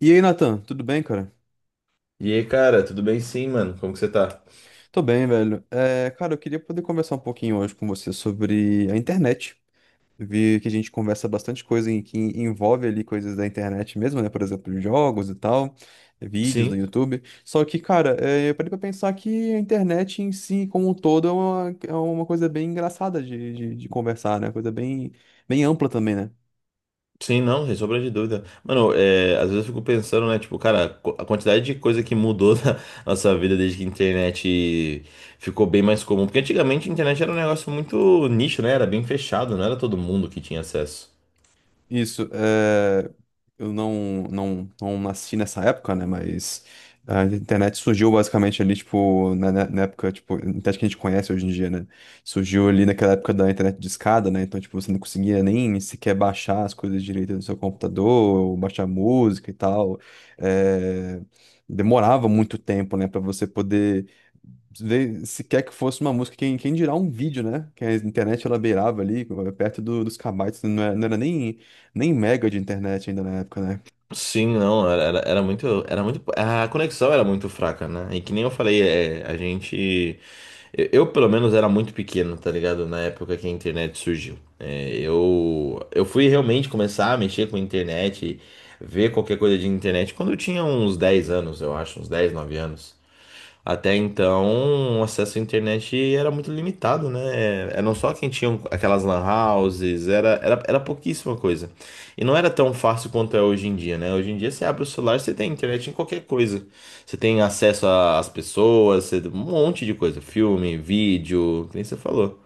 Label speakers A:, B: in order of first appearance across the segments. A: E aí, Nathan, tudo bem, cara?
B: E aí, cara, tudo bem sim, mano? Como que você tá?
A: Tô bem, velho. Cara, eu queria poder conversar um pouquinho hoje com você sobre a internet. Vi que a gente conversa bastante coisa que envolve ali coisas da internet mesmo, né? Por exemplo, jogos e tal, vídeos no
B: Sim,
A: YouTube. Só que, cara, eu parei pra pensar que a internet em si, como um todo, é uma coisa bem engraçada de conversar, né? Coisa bem, bem ampla também, né?
B: sim, não, sem sombra de dúvida. Mano, às vezes eu fico pensando, né, tipo, cara, a quantidade de coisa que mudou na nossa vida desde que a internet ficou bem mais comum. Porque antigamente a internet era um negócio muito nicho, né? Era bem fechado, não era todo mundo que tinha acesso.
A: Isso, eu não nasci nessa época, né? Mas a internet surgiu basicamente ali, tipo, na época, tipo, a internet que a gente conhece hoje em dia, né? Surgiu ali naquela época da internet de escada, né? Então, tipo, você não conseguia nem sequer baixar as coisas direito no seu computador, ou baixar música e tal. É, Demorava muito tempo, né, pra você poder ver sequer que fosse uma música, quem dirá um vídeo, né? Que a internet ela beirava ali, perto dos kbytes, não era nem mega de internet ainda na época, né?
B: Sim, não, era muito, era muito, a conexão era muito fraca, né? E que nem eu falei, a gente. Pelo menos, era muito pequeno, tá ligado? Na época que a internet surgiu. Eu fui realmente começar a mexer com a internet, ver qualquer coisa de internet, quando eu tinha uns 10 anos, eu acho, uns 10 9 anos. Até então, o acesso à internet era muito limitado, né? Era não só quem tinha um, aquelas lan houses, era pouquíssima coisa. E não era tão fácil quanto é hoje em dia, né? Hoje em dia você abre o celular, você tem internet em qualquer coisa. Você tem acesso a- às pessoas, você- um monte de coisa, filme, vídeo, que nem você falou.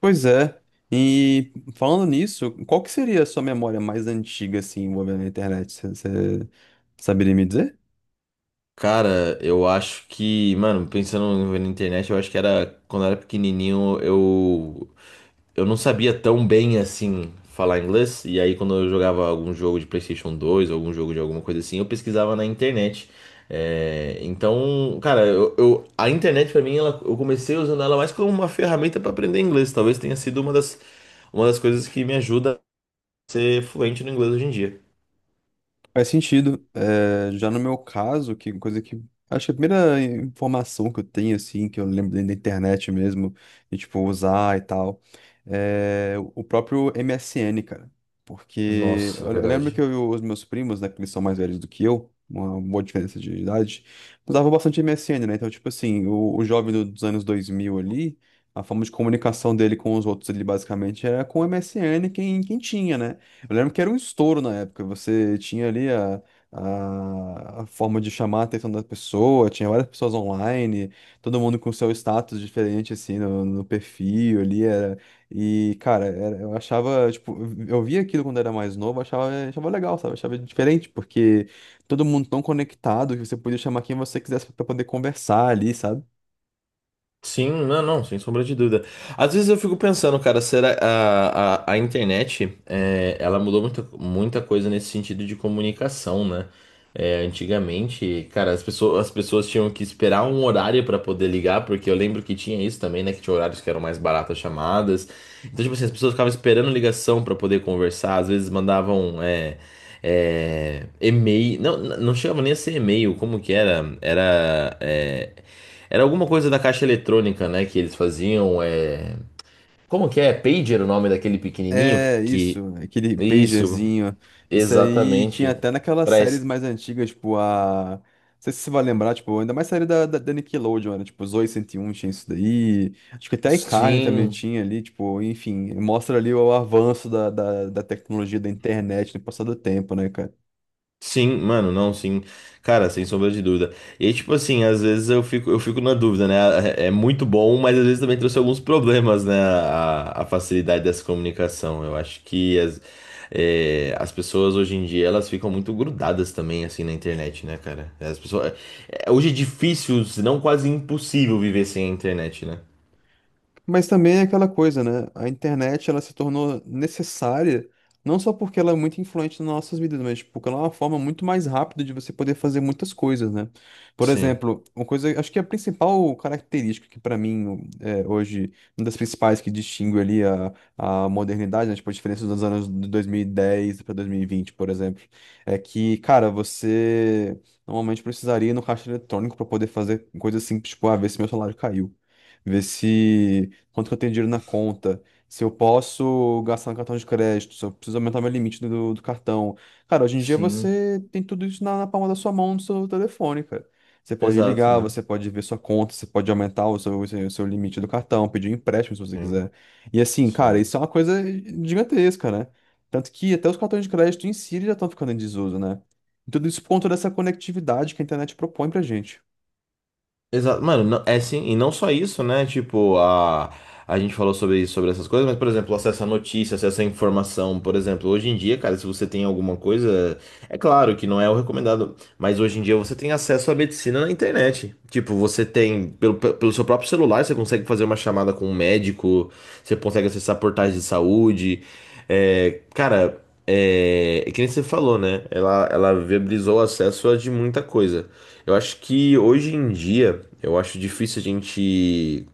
A: Pois é. E falando nisso, qual que seria a sua memória mais antiga, assim, envolvendo a internet? Você saberia me dizer?
B: Cara, eu acho que, mano, pensando na internet, eu acho que era quando eu era pequenininho, eu não sabia tão bem assim falar inglês, e aí quando eu jogava algum jogo de PlayStation 2, algum jogo de alguma coisa assim, eu pesquisava na internet. É, então, cara, a internet pra mim, eu comecei usando ela mais como uma ferramenta pra aprender inglês. Talvez tenha sido uma das coisas que me ajuda a ser fluente no inglês hoje em dia.
A: Faz sentido. É, já no meu caso, que coisa que. Acho que a primeira informação que eu tenho, assim, que eu lembro dentro da internet mesmo, de tipo, usar e tal, é o próprio MSN, cara. Porque
B: Nossa, é
A: eu lembro que
B: verdade.
A: eu, e os meus primos, né, que eles são mais velhos do que eu, uma boa diferença de idade, usavam bastante MSN, né? Então, tipo assim, o jovem dos anos 2000 ali, a forma de comunicação dele com os outros ali, basicamente, era com o MSN, quem tinha, né? Eu lembro que era um estouro na época. Você tinha ali a forma de chamar a atenção da pessoa, tinha várias pessoas online, todo mundo com seu status diferente, assim, no perfil ali. Era... E, cara, era- eu achava, tipo, eu via aquilo quando era mais novo, achava legal, sabe? Achava diferente, porque todo mundo tão conectado que você podia chamar quem você quisesse pra poder conversar ali, sabe?
B: Sim, não, não, sem sombra de dúvida. Às vezes eu fico pensando, cara, será a internet, é, ela mudou muita coisa nesse sentido de comunicação, né? É, antigamente, cara, as pessoas tinham que esperar um horário pra poder ligar, porque eu lembro que tinha isso também, né? Que tinha horários que eram mais baratas as chamadas. Então, tipo assim, as pessoas ficavam esperando ligação pra poder conversar, às vezes mandavam, e-mail, não, não chegava nem a ser e-mail, como que era? Era alguma coisa da caixa eletrônica, né? Que eles faziam. É... Como que é? Pager o nome daquele pequenininho?
A: É,
B: Que...
A: isso, aquele
B: Isso,
A: pagerzinho. Isso aí tinha
B: exatamente.
A: até naquelas
B: Pra...
A: séries
B: es-
A: mais antigas, tipo a. Não sei se você vai lembrar, tipo, ainda mais série da Nickelodeon, né? Tipo, Zoey 101 tinha isso daí. Acho que até a iCarly também
B: Sim.
A: tinha ali, tipo, enfim, mostra ali o avanço da tecnologia da internet no passar do tempo, né, cara?
B: Sim, mano, não, sim. Cara, sem sombra de dúvida. E aí, tipo assim, às vezes eu fico na dúvida, né? É é muito bom, mas às vezes também trouxe alguns problemas, né? A facilidade dessa comunicação. Eu acho que as pessoas hoje em dia, elas ficam muito grudadas também, assim, na internet, né, cara? As pessoas, é, hoje é difícil, se não quase impossível viver sem a internet, né?
A: Mas também é aquela coisa, né? A internet ela se tornou necessária não só porque ela é muito influente nas nossas vidas, mas tipo, porque ela é uma forma muito mais rápida de você poder fazer muitas coisas, né? Por
B: Sim,
A: exemplo, uma coisa, acho que a principal característica que para mim é, hoje, uma das principais que distingue ali a modernidade, né? Tipo, a diferença dos anos de 2010 para 2020, por exemplo, é que, cara, você normalmente precisaria ir no caixa eletrônico para poder fazer coisas simples, tipo, ah, ver se meu salário caiu, ver se quanto que eu tenho dinheiro na conta, se eu posso gastar no cartão de crédito, se eu preciso aumentar meu limite do cartão. Cara, hoje em dia
B: sim.
A: você tem tudo isso na palma da sua mão, no seu telefone, cara. Você pode
B: Exato,
A: ligar,
B: né?
A: você pode ver sua conta, você pode aumentar o seu limite do cartão, pedir um empréstimo se você
B: Sim,
A: quiser. E assim, cara,
B: sim.
A: isso é uma coisa gigantesca, né? Tanto que até os cartões de crédito em si eles já estão ficando em desuso, né? E tudo isso por conta dessa conectividade que a internet propõe pra gente.
B: Exato, mano, é sim, e não só isso, né? Tipo, a gente falou sobre isso, sobre essas coisas, mas, por exemplo, acesso à notícia, acesso à informação, por exemplo, hoje em dia, cara, se você tem alguma coisa, é claro que não é o recomendado, mas hoje em dia você tem acesso à medicina na internet. Tipo, você tem, pelo seu próprio celular, você consegue fazer uma chamada com um médico, você consegue acessar portais de saúde. É, cara, é que nem você falou, né? Ela viabilizou o acesso a de muita coisa. Eu acho que hoje em dia, eu acho difícil a gente.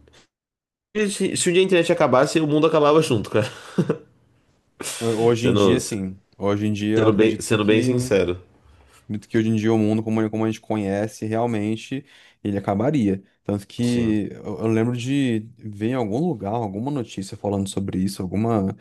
B: Se um dia a internet acabasse, o mundo acabava junto, cara.
A: Hoje em dia,
B: Sendo,
A: sim. Hoje em dia eu
B: Sendo
A: acredito
B: sendo bem
A: que
B: sincero.
A: acredito que hoje em dia o mundo, como, como a gente conhece, realmente ele acabaria. Tanto
B: Sim.
A: que eu lembro de ver em algum lugar, alguma notícia falando sobre isso,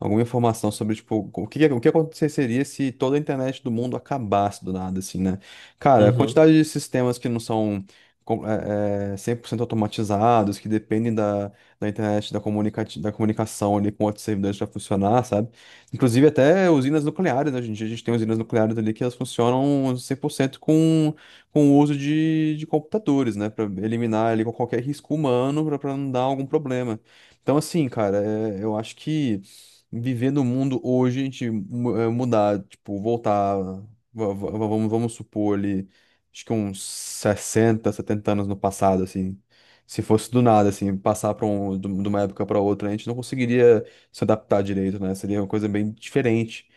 A: alguma informação sobre, tipo, o que aconteceria se toda a internet do mundo acabasse do nada, assim, né? Cara, a
B: Uhum.
A: quantidade de sistemas que não são 100% automatizados, que dependem da internet, da comunicação ali com outros servidores para funcionar, sabe? Inclusive até usinas nucleares, né? Hoje em dia a gente tem usinas nucleares ali que elas funcionam 100% com o uso de computadores, né? Para eliminar ali qualquer risco humano, para não dar algum problema. Então, assim, cara, eu acho que viver no mundo hoje, a gente mudar, tipo, voltar, vamos supor ali, acho que uns 60 70 anos no passado, assim. Se fosse do nada, assim, passar para um, de uma época para outra, a gente não conseguiria se adaptar direito, né? Seria uma coisa bem diferente.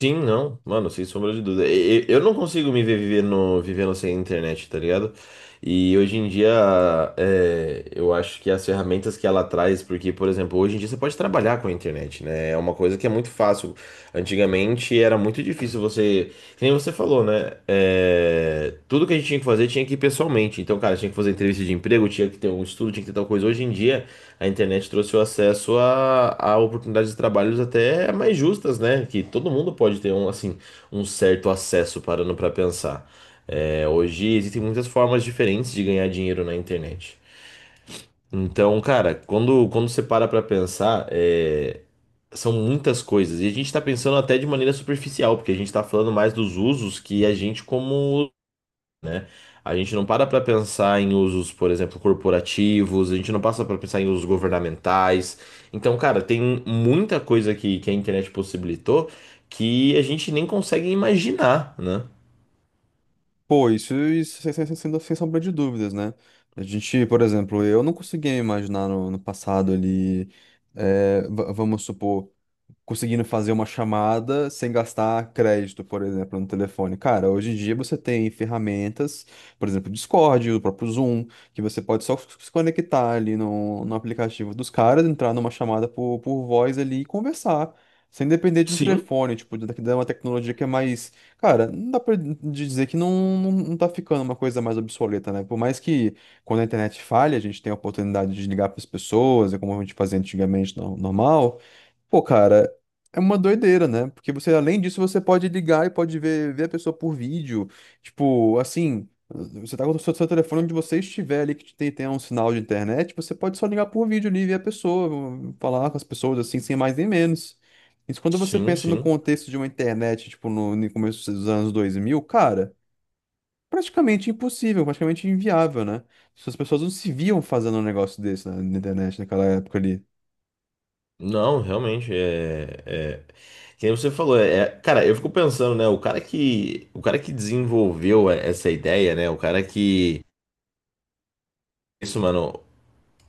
B: Sim, não. Mano, sem sombra de dúvida. Eu não consigo me ver vivendo sem internet, tá ligado? E hoje em dia, é, eu acho que as ferramentas que ela traz, porque, por exemplo, hoje em dia você pode trabalhar com a internet, né? É uma coisa que é muito fácil. Antigamente era muito difícil você. Que nem você falou, né? É, tudo que a gente tinha que fazer tinha que ir pessoalmente. Então, cara, tinha que fazer entrevista de emprego, tinha que ter um estudo, tinha que ter tal coisa. Hoje em dia, a internet trouxe o acesso a oportunidades de trabalhos até mais justas, né? Que todo mundo pode ter um, assim, um certo acesso parando pra pensar. É, hoje existem muitas formas diferentes de ganhar dinheiro na internet. Então, cara, quando você para pra pensar, é, são muitas coisas. E a gente tá pensando até de maneira superficial, porque a gente tá falando mais dos usos que a gente como... A gente não para pra pensar em usos, por exemplo, corporativos, a gente não passa pra pensar em usos governamentais. Então, cara, tem muita coisa que a internet possibilitou que a gente nem consegue imaginar, né?
A: Pô, isso, isso sem sombra de dúvidas, né? A gente, por exemplo, eu não conseguia imaginar no passado ali, vamos supor, conseguindo fazer uma chamada sem gastar crédito, por exemplo, no telefone. Cara, hoje em dia você tem ferramentas, por exemplo, o Discord, o próprio Zoom, que você pode só se conectar ali no aplicativo dos caras, entrar numa chamada por voz ali e conversar. Sem depender de um
B: Sim.
A: telefone, tipo, da uma tecnologia que é mais. Cara, não dá pra dizer que não tá ficando uma coisa mais obsoleta, né? Por mais que quando a internet falha, a gente tem a oportunidade de ligar para as pessoas, é como a gente fazia antigamente normal. Pô, cara, é uma doideira, né? Porque você, além disso, você pode ligar e pode ver a pessoa por vídeo. Tipo, assim, você tá com seu telefone onde você estiver ali, que tem um sinal de internet, você pode só ligar por vídeo ali e ver a pessoa, falar com as pessoas assim, sem mais nem menos. Isso quando você
B: Sim,
A: pensa no
B: sim.
A: contexto de uma internet, tipo, no começo dos anos dois mil, cara, praticamente impossível, praticamente inviável, né? As pessoas não se viam fazendo um negócio desse na internet naquela época ali.
B: Não, realmente, é, é... Que nem você falou, cara, eu fico pensando, né, o cara que desenvolveu é, essa ideia, né, isso, mano,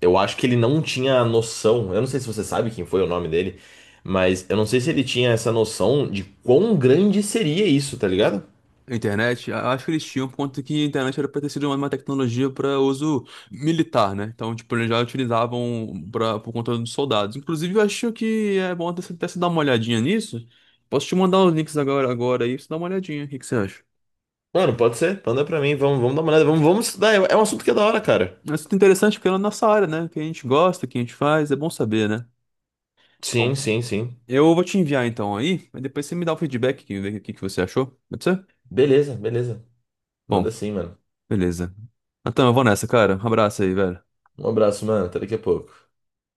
B: eu acho que ele não tinha noção, eu não sei se você sabe quem foi o nome dele, mas eu não sei se ele tinha essa noção de quão grande seria isso, tá ligado?
A: Internet, acho que eles tinham, por conta que a internet era para ter sido uma tecnologia para uso militar, né? Então, tipo, eles já utilizavam pra, por conta dos soldados. Inclusive, eu acho que é bom até você dar uma olhadinha nisso. Posso te mandar os links agora aí, pra você dá uma olhadinha. O que que você acha?
B: Mano, pode ser, manda pra mim, vamos, vamos dar uma olhada, vamos, vamos estudar, é é um assunto que é da hora, cara.
A: Mas isso é interessante porque é na nossa área, né? O que a gente gosta, o que a gente faz, é bom saber, né?
B: Sim,
A: Bom,
B: sim, sim.
A: eu vou te enviar então aí, mas depois você me dá o feedback, que- ver o que que você achou, pode ser?
B: Beleza, beleza, manda
A: Bom,
B: sim, mano.
A: beleza. Então, eu vou nessa, cara. Um abraço aí, velho.
B: Um abraço, mano, até daqui a pouco.